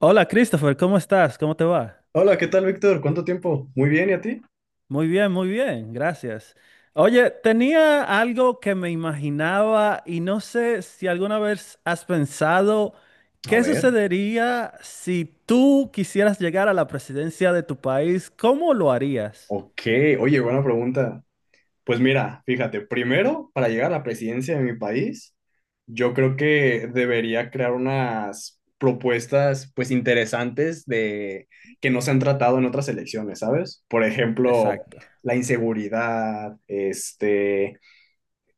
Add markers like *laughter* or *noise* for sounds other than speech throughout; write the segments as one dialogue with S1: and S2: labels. S1: Hola Christopher, ¿cómo estás? ¿Cómo te va?
S2: Hola, ¿qué tal, Víctor? ¿Cuánto tiempo? Muy bien, ¿y a ti?
S1: Muy bien, gracias. Oye, tenía algo que me imaginaba y no sé si alguna vez has pensado
S2: A
S1: qué
S2: ver,
S1: sucedería si tú quisieras llegar a la presidencia de tu país, ¿cómo lo harías?
S2: ok, oye, buena pregunta. Pues mira, fíjate, primero, para llegar a la presidencia de mi país, yo creo que debería crear unas propuestas, pues, interesantes de que no se han tratado en otras elecciones, ¿sabes? Por ejemplo,
S1: Exacto.
S2: la inseguridad, este,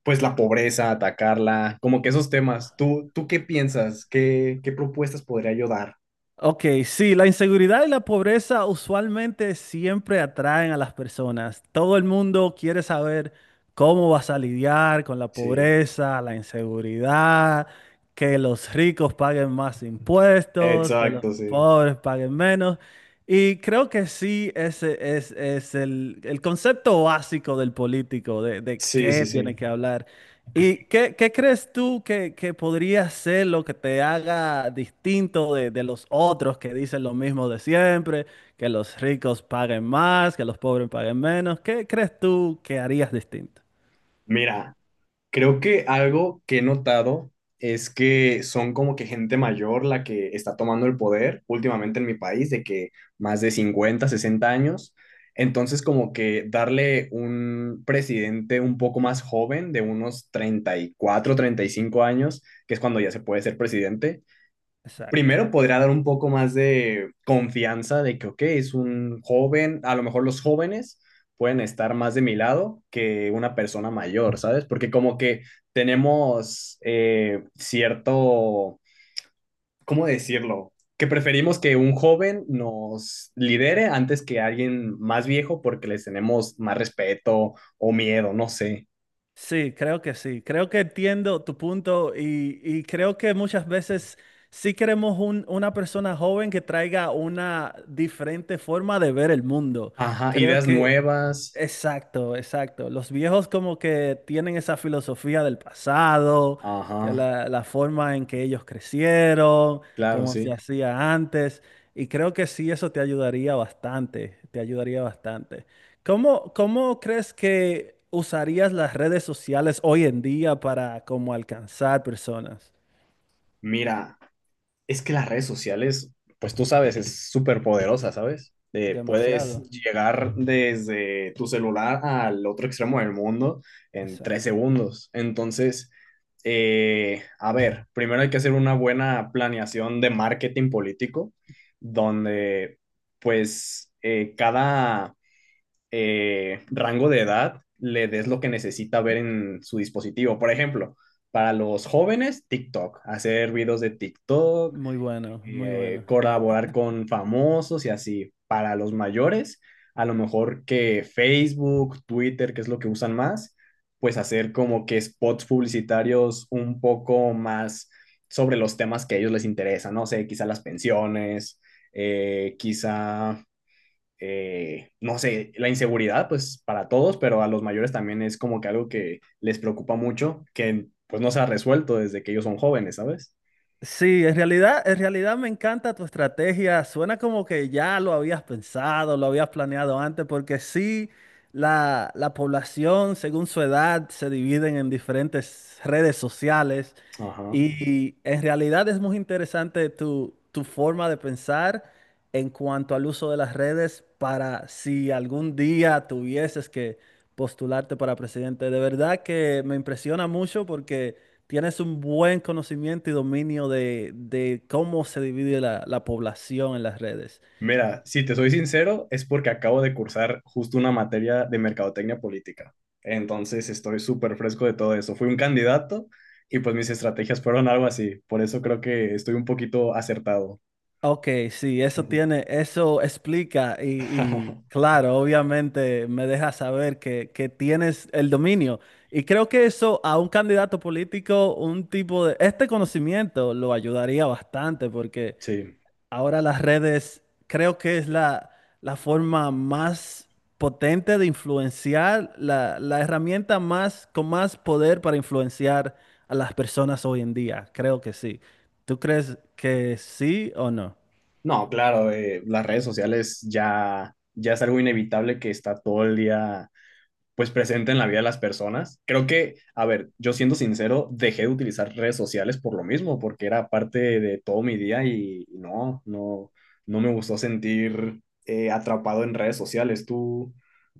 S2: pues la pobreza, atacarla, como que esos temas. ¿Tú qué piensas? ¿Qué propuestas podría yo dar?
S1: Ok, sí, la inseguridad y la pobreza usualmente siempre atraen a las personas. Todo el mundo quiere saber cómo vas a lidiar con la
S2: Sí,
S1: pobreza, la inseguridad, que los ricos paguen más impuestos, que los
S2: exacto, sí.
S1: pobres paguen menos. Y creo que sí, ese es el concepto básico del político, de
S2: Sí,
S1: qué
S2: sí,
S1: tiene
S2: sí.
S1: que hablar. ¿Y qué, qué crees tú que podría ser lo que te haga distinto de los otros que dicen lo mismo de siempre, que los ricos paguen más, que los pobres paguen menos? ¿Qué crees tú que harías distinto?
S2: Mira, creo que algo que he notado es que son como que gente mayor la que está tomando el poder últimamente en mi país, de que más de 50, 60 años. Entonces, como que darle un presidente un poco más joven, de unos 30 34, 35 años, que es cuando ya se puede ser presidente,
S1: Exacto.
S2: primero podría dar un poco más de confianza de que, ok, es un joven, a lo mejor los jóvenes pueden estar más de mi lado que una persona mayor, ¿sabes? Porque como que tenemos cierto, ¿cómo decirlo? Que preferimos que un joven nos lidere antes que alguien más viejo porque les tenemos más respeto o miedo, no sé.
S1: Sí. Creo que entiendo tu punto y creo que muchas veces sí queremos una persona joven que traiga una diferente forma de ver el mundo.
S2: Ajá,
S1: Creo
S2: ideas
S1: que,
S2: nuevas.
S1: exacto, exacto. Los viejos como que tienen esa filosofía del pasado, que
S2: Ajá,
S1: la forma en que ellos crecieron,
S2: claro,
S1: cómo
S2: sí.
S1: se hacía antes. Y creo que sí, eso te ayudaría bastante, te ayudaría bastante. ¿Cómo, cómo crees que usarías las redes sociales hoy en día para como alcanzar personas?
S2: Mira, es que las redes sociales, pues tú sabes, es súper poderosa, ¿sabes? Puedes
S1: Demasiado.
S2: llegar desde tu celular al otro extremo del mundo en tres
S1: Exacto.
S2: segundos. Entonces, a ver, primero hay que hacer una buena planeación de marketing político, donde pues cada rango de edad le des lo que necesita ver en su dispositivo. Por ejemplo, para los jóvenes, TikTok, hacer videos de TikTok,
S1: Muy bueno, muy bueno.
S2: colaborar con famosos y así. Para los mayores, a lo mejor que Facebook, Twitter, que es lo que usan más, pues hacer como que spots publicitarios un poco más sobre los temas que a ellos les interesan, no sé, quizá las pensiones, eh, quizá, no sé, la inseguridad, pues para todos, pero a los mayores también es como que algo que les preocupa mucho, que pues no se ha resuelto desde que ellos son jóvenes, ¿sabes?
S1: Sí, en realidad me encanta tu estrategia. Suena como que ya lo habías pensado, lo habías planeado antes, porque sí, la población, según su edad, se dividen en diferentes redes sociales
S2: Ajá.
S1: y en realidad es muy interesante tu, tu forma de pensar en cuanto al uso de las redes para si algún día tuvieses que postularte para presidente. De verdad que me impresiona mucho porque... Tienes un buen conocimiento y dominio de cómo se divide la población en las redes.
S2: Mira, si te soy sincero, es porque acabo de cursar justo una materia de mercadotecnia política. Entonces estoy súper fresco de todo eso. Fui un candidato y pues mis estrategias fueron algo así. Por eso creo que estoy un poquito acertado.
S1: Ok, sí, eso tiene, eso explica
S2: *laughs*
S1: claro, obviamente me deja saber que tienes el dominio. Y creo que eso a un candidato político, un tipo de, este conocimiento lo ayudaría bastante porque
S2: Sí.
S1: ahora las redes creo que es la forma más potente de influenciar, la herramienta más con más poder para influenciar a las personas hoy en día. Creo que sí. ¿Tú crees que sí o no?
S2: No, claro, las redes sociales ya, ya es algo inevitable que está todo el día pues presente en la vida de las personas. Creo que, a ver, yo siendo sincero, dejé de utilizar redes sociales por lo mismo, porque era parte de todo mi día y no me gustó sentir atrapado en redes sociales. ¿Tú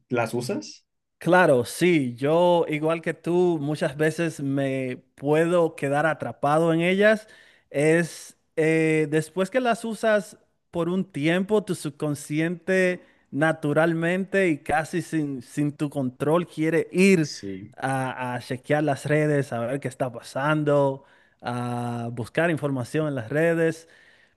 S2: las usas?
S1: Claro, sí, yo igual que tú muchas veces me puedo quedar atrapado en ellas. Es después que las usas por un tiempo, tu subconsciente naturalmente y casi sin tu control quiere ir
S2: Sí,
S1: a chequear las redes, a ver qué está pasando, a buscar información en las redes.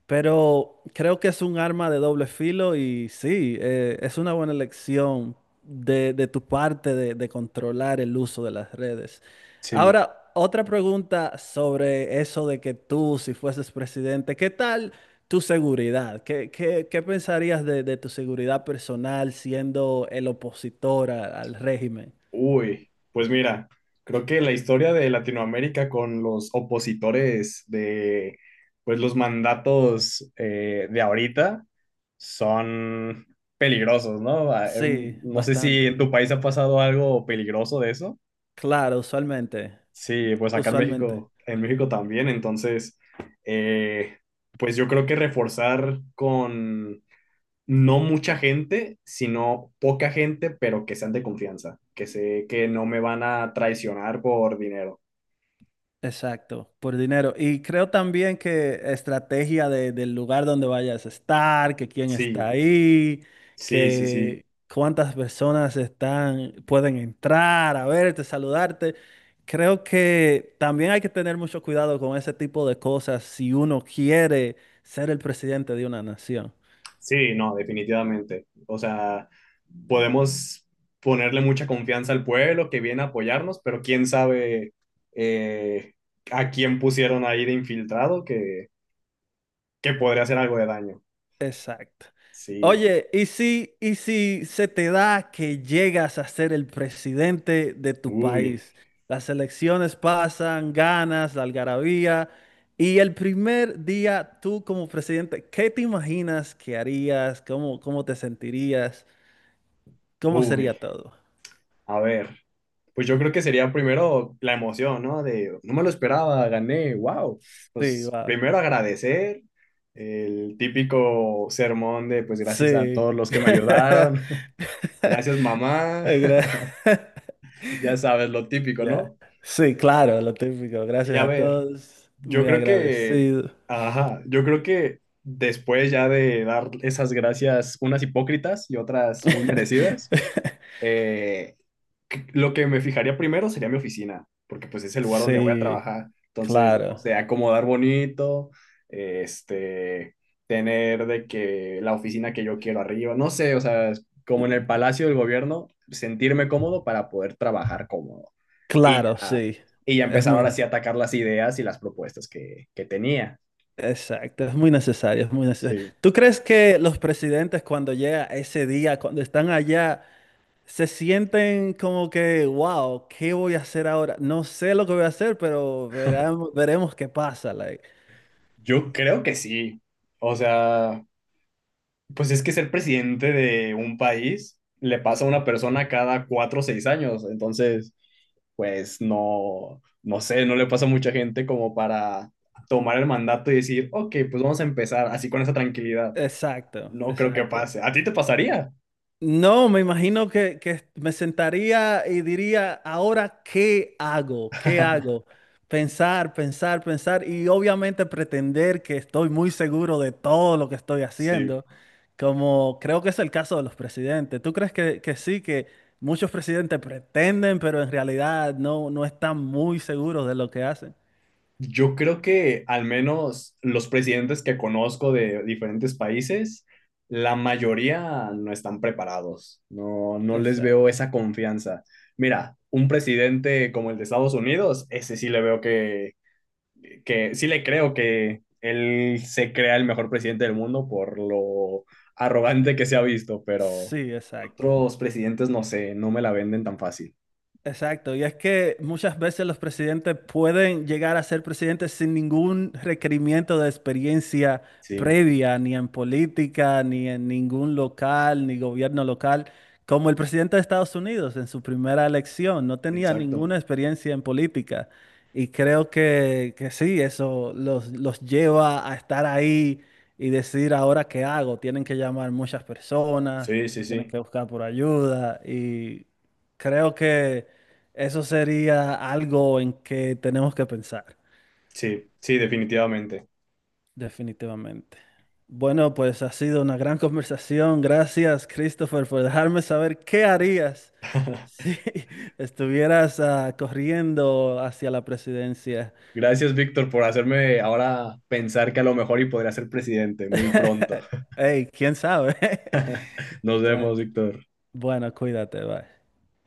S1: Pero creo que es un arma de doble filo y sí, es una buena elección de tu parte de controlar el uso de las redes.
S2: sí.
S1: Ahora, otra pregunta sobre eso de que tú, si fueses presidente, ¿qué tal tu seguridad? ¿Qué, qué pensarías de tu seguridad personal siendo el opositor al régimen?
S2: Uy, pues mira, creo que la historia de Latinoamérica con los opositores de pues los mandatos de ahorita son peligrosos, ¿no? Ah,
S1: Sí,
S2: no sé si
S1: bastante.
S2: en tu país ha pasado algo peligroso de eso.
S1: Claro, usualmente,
S2: Sí, pues acá
S1: usualmente.
S2: En México también, entonces, eh, pues yo creo que reforzar con no mucha gente, sino poca gente, pero que sean de confianza, que sé que no me van a traicionar por dinero.
S1: Exacto, por dinero. Y creo también que estrategia del lugar donde vayas a estar, que quién está
S2: Sí,
S1: ahí,
S2: sí, sí, sí.
S1: que cuántas personas están, pueden entrar a verte, saludarte. Creo que también hay que tener mucho cuidado con ese tipo de cosas si uno quiere ser el presidente de una nación.
S2: Sí, no, definitivamente. O sea, podemos ponerle mucha confianza al pueblo que viene a apoyarnos, pero quién sabe eh, a quién pusieron ahí de infiltrado que podría hacer algo de daño.
S1: Exacto.
S2: Sí,
S1: Oye, y si se te da que llegas a ser el presidente de tu
S2: uy,
S1: país? Las elecciones pasan, ganas, la algarabía, y el primer día tú como presidente, ¿qué te imaginas que harías? ¿Cómo, cómo te sentirías? ¿Cómo
S2: uy.
S1: sería todo?
S2: A ver. Pues yo creo que sería primero la emoción, ¿no? De no me lo esperaba, gané, wow.
S1: Sí,
S2: Pues
S1: va.
S2: primero agradecer el típico sermón de pues gracias a
S1: Sí.
S2: todos los que me
S1: *laughs*
S2: ayudaron, *laughs* gracias mamá,
S1: Ay, gra-
S2: *laughs*
S1: *laughs*
S2: ya sabes lo típico,
S1: Ya.
S2: ¿no?
S1: Sí, claro, lo típico.
S2: Y
S1: Gracias
S2: a
S1: a
S2: ver,
S1: todos.
S2: yo
S1: Muy
S2: creo que,
S1: agradecido.
S2: ajá, yo creo que después ya de dar esas gracias, unas hipócritas y otras muy merecidas,
S1: *laughs*
S2: eh, lo que me fijaría primero sería mi oficina, porque pues es el lugar donde voy a
S1: Sí,
S2: trabajar. Entonces, no
S1: claro,
S2: sé, acomodar bonito, este, tener de que la oficina que yo quiero arriba, no sé, o sea, es como en el Palacio del Gobierno, sentirme cómodo para poder trabajar cómodo. Y
S1: claro,
S2: ya,
S1: sí.
S2: y ya
S1: Es
S2: empezar
S1: muy,
S2: ahora sí a
S1: nece-
S2: atacar las ideas y las propuestas que tenía.
S1: exacto, es muy necesario, es muy necesario.
S2: Sí.
S1: ¿Tú crees que los presidentes cuando llega ese día, cuando están allá, se sienten como que, wow, ¿qué voy a hacer ahora? No sé lo que voy a hacer, pero veremos, veremos qué pasa. Like.
S2: Yo creo que sí. O sea, pues es que ser presidente de un país le pasa a una persona cada 4 o 6 años, entonces, pues no, no sé, no le pasa a mucha gente como para tomar el mandato y decir, ok, pues vamos a empezar así con esa tranquilidad.
S1: Exacto,
S2: No creo que
S1: exacto.
S2: pase. ¿A ti te pasaría?
S1: No, me imagino que me sentaría y diría, ahora, ¿qué hago? ¿Qué hago? Pensar, pensar, pensar y obviamente pretender que estoy muy seguro de todo lo que estoy
S2: Sí.
S1: haciendo, como creo que es el caso de los presidentes. ¿Tú crees que sí, que muchos presidentes pretenden, pero en realidad no, no están muy seguros de lo que hacen?
S2: Yo creo que al menos los presidentes que conozco de diferentes países, la mayoría no están preparados, no, no les veo
S1: Exacto.
S2: esa confianza. Mira, un presidente como el de Estados Unidos, ese sí le veo que sí le creo que él se crea el mejor presidente del mundo por lo arrogante que se ha visto, pero
S1: Sí, exacto.
S2: otros presidentes no sé, no me la venden tan fácil.
S1: Exacto, y es que muchas veces los presidentes pueden llegar a ser presidentes sin ningún requerimiento de experiencia
S2: Sí,
S1: previa, ni en política, ni en ningún local, ni gobierno local, como el presidente de Estados Unidos en su primera elección, no tenía
S2: exacto.
S1: ninguna experiencia en política. Y creo que sí, eso los lleva a estar ahí y decir ahora qué hago. Tienen que llamar muchas personas,
S2: Sí, sí,
S1: tienen
S2: sí.
S1: que buscar por ayuda y creo que... Eso sería algo en que tenemos que pensar,
S2: Sí, sí, definitivamente.
S1: definitivamente. Bueno, pues ha sido una gran conversación. Gracias, Christopher, por dejarme saber qué harías
S2: *laughs*
S1: si *laughs* estuvieras corriendo hacia la presidencia.
S2: Gracias, Víctor, por hacerme ahora pensar que a lo mejor y podría ser presidente muy pronto.
S1: *laughs* Hey, quién sabe. *laughs*
S2: *laughs* Nos
S1: Bueno,
S2: vemos, Víctor.
S1: bueno, cuídate, bye.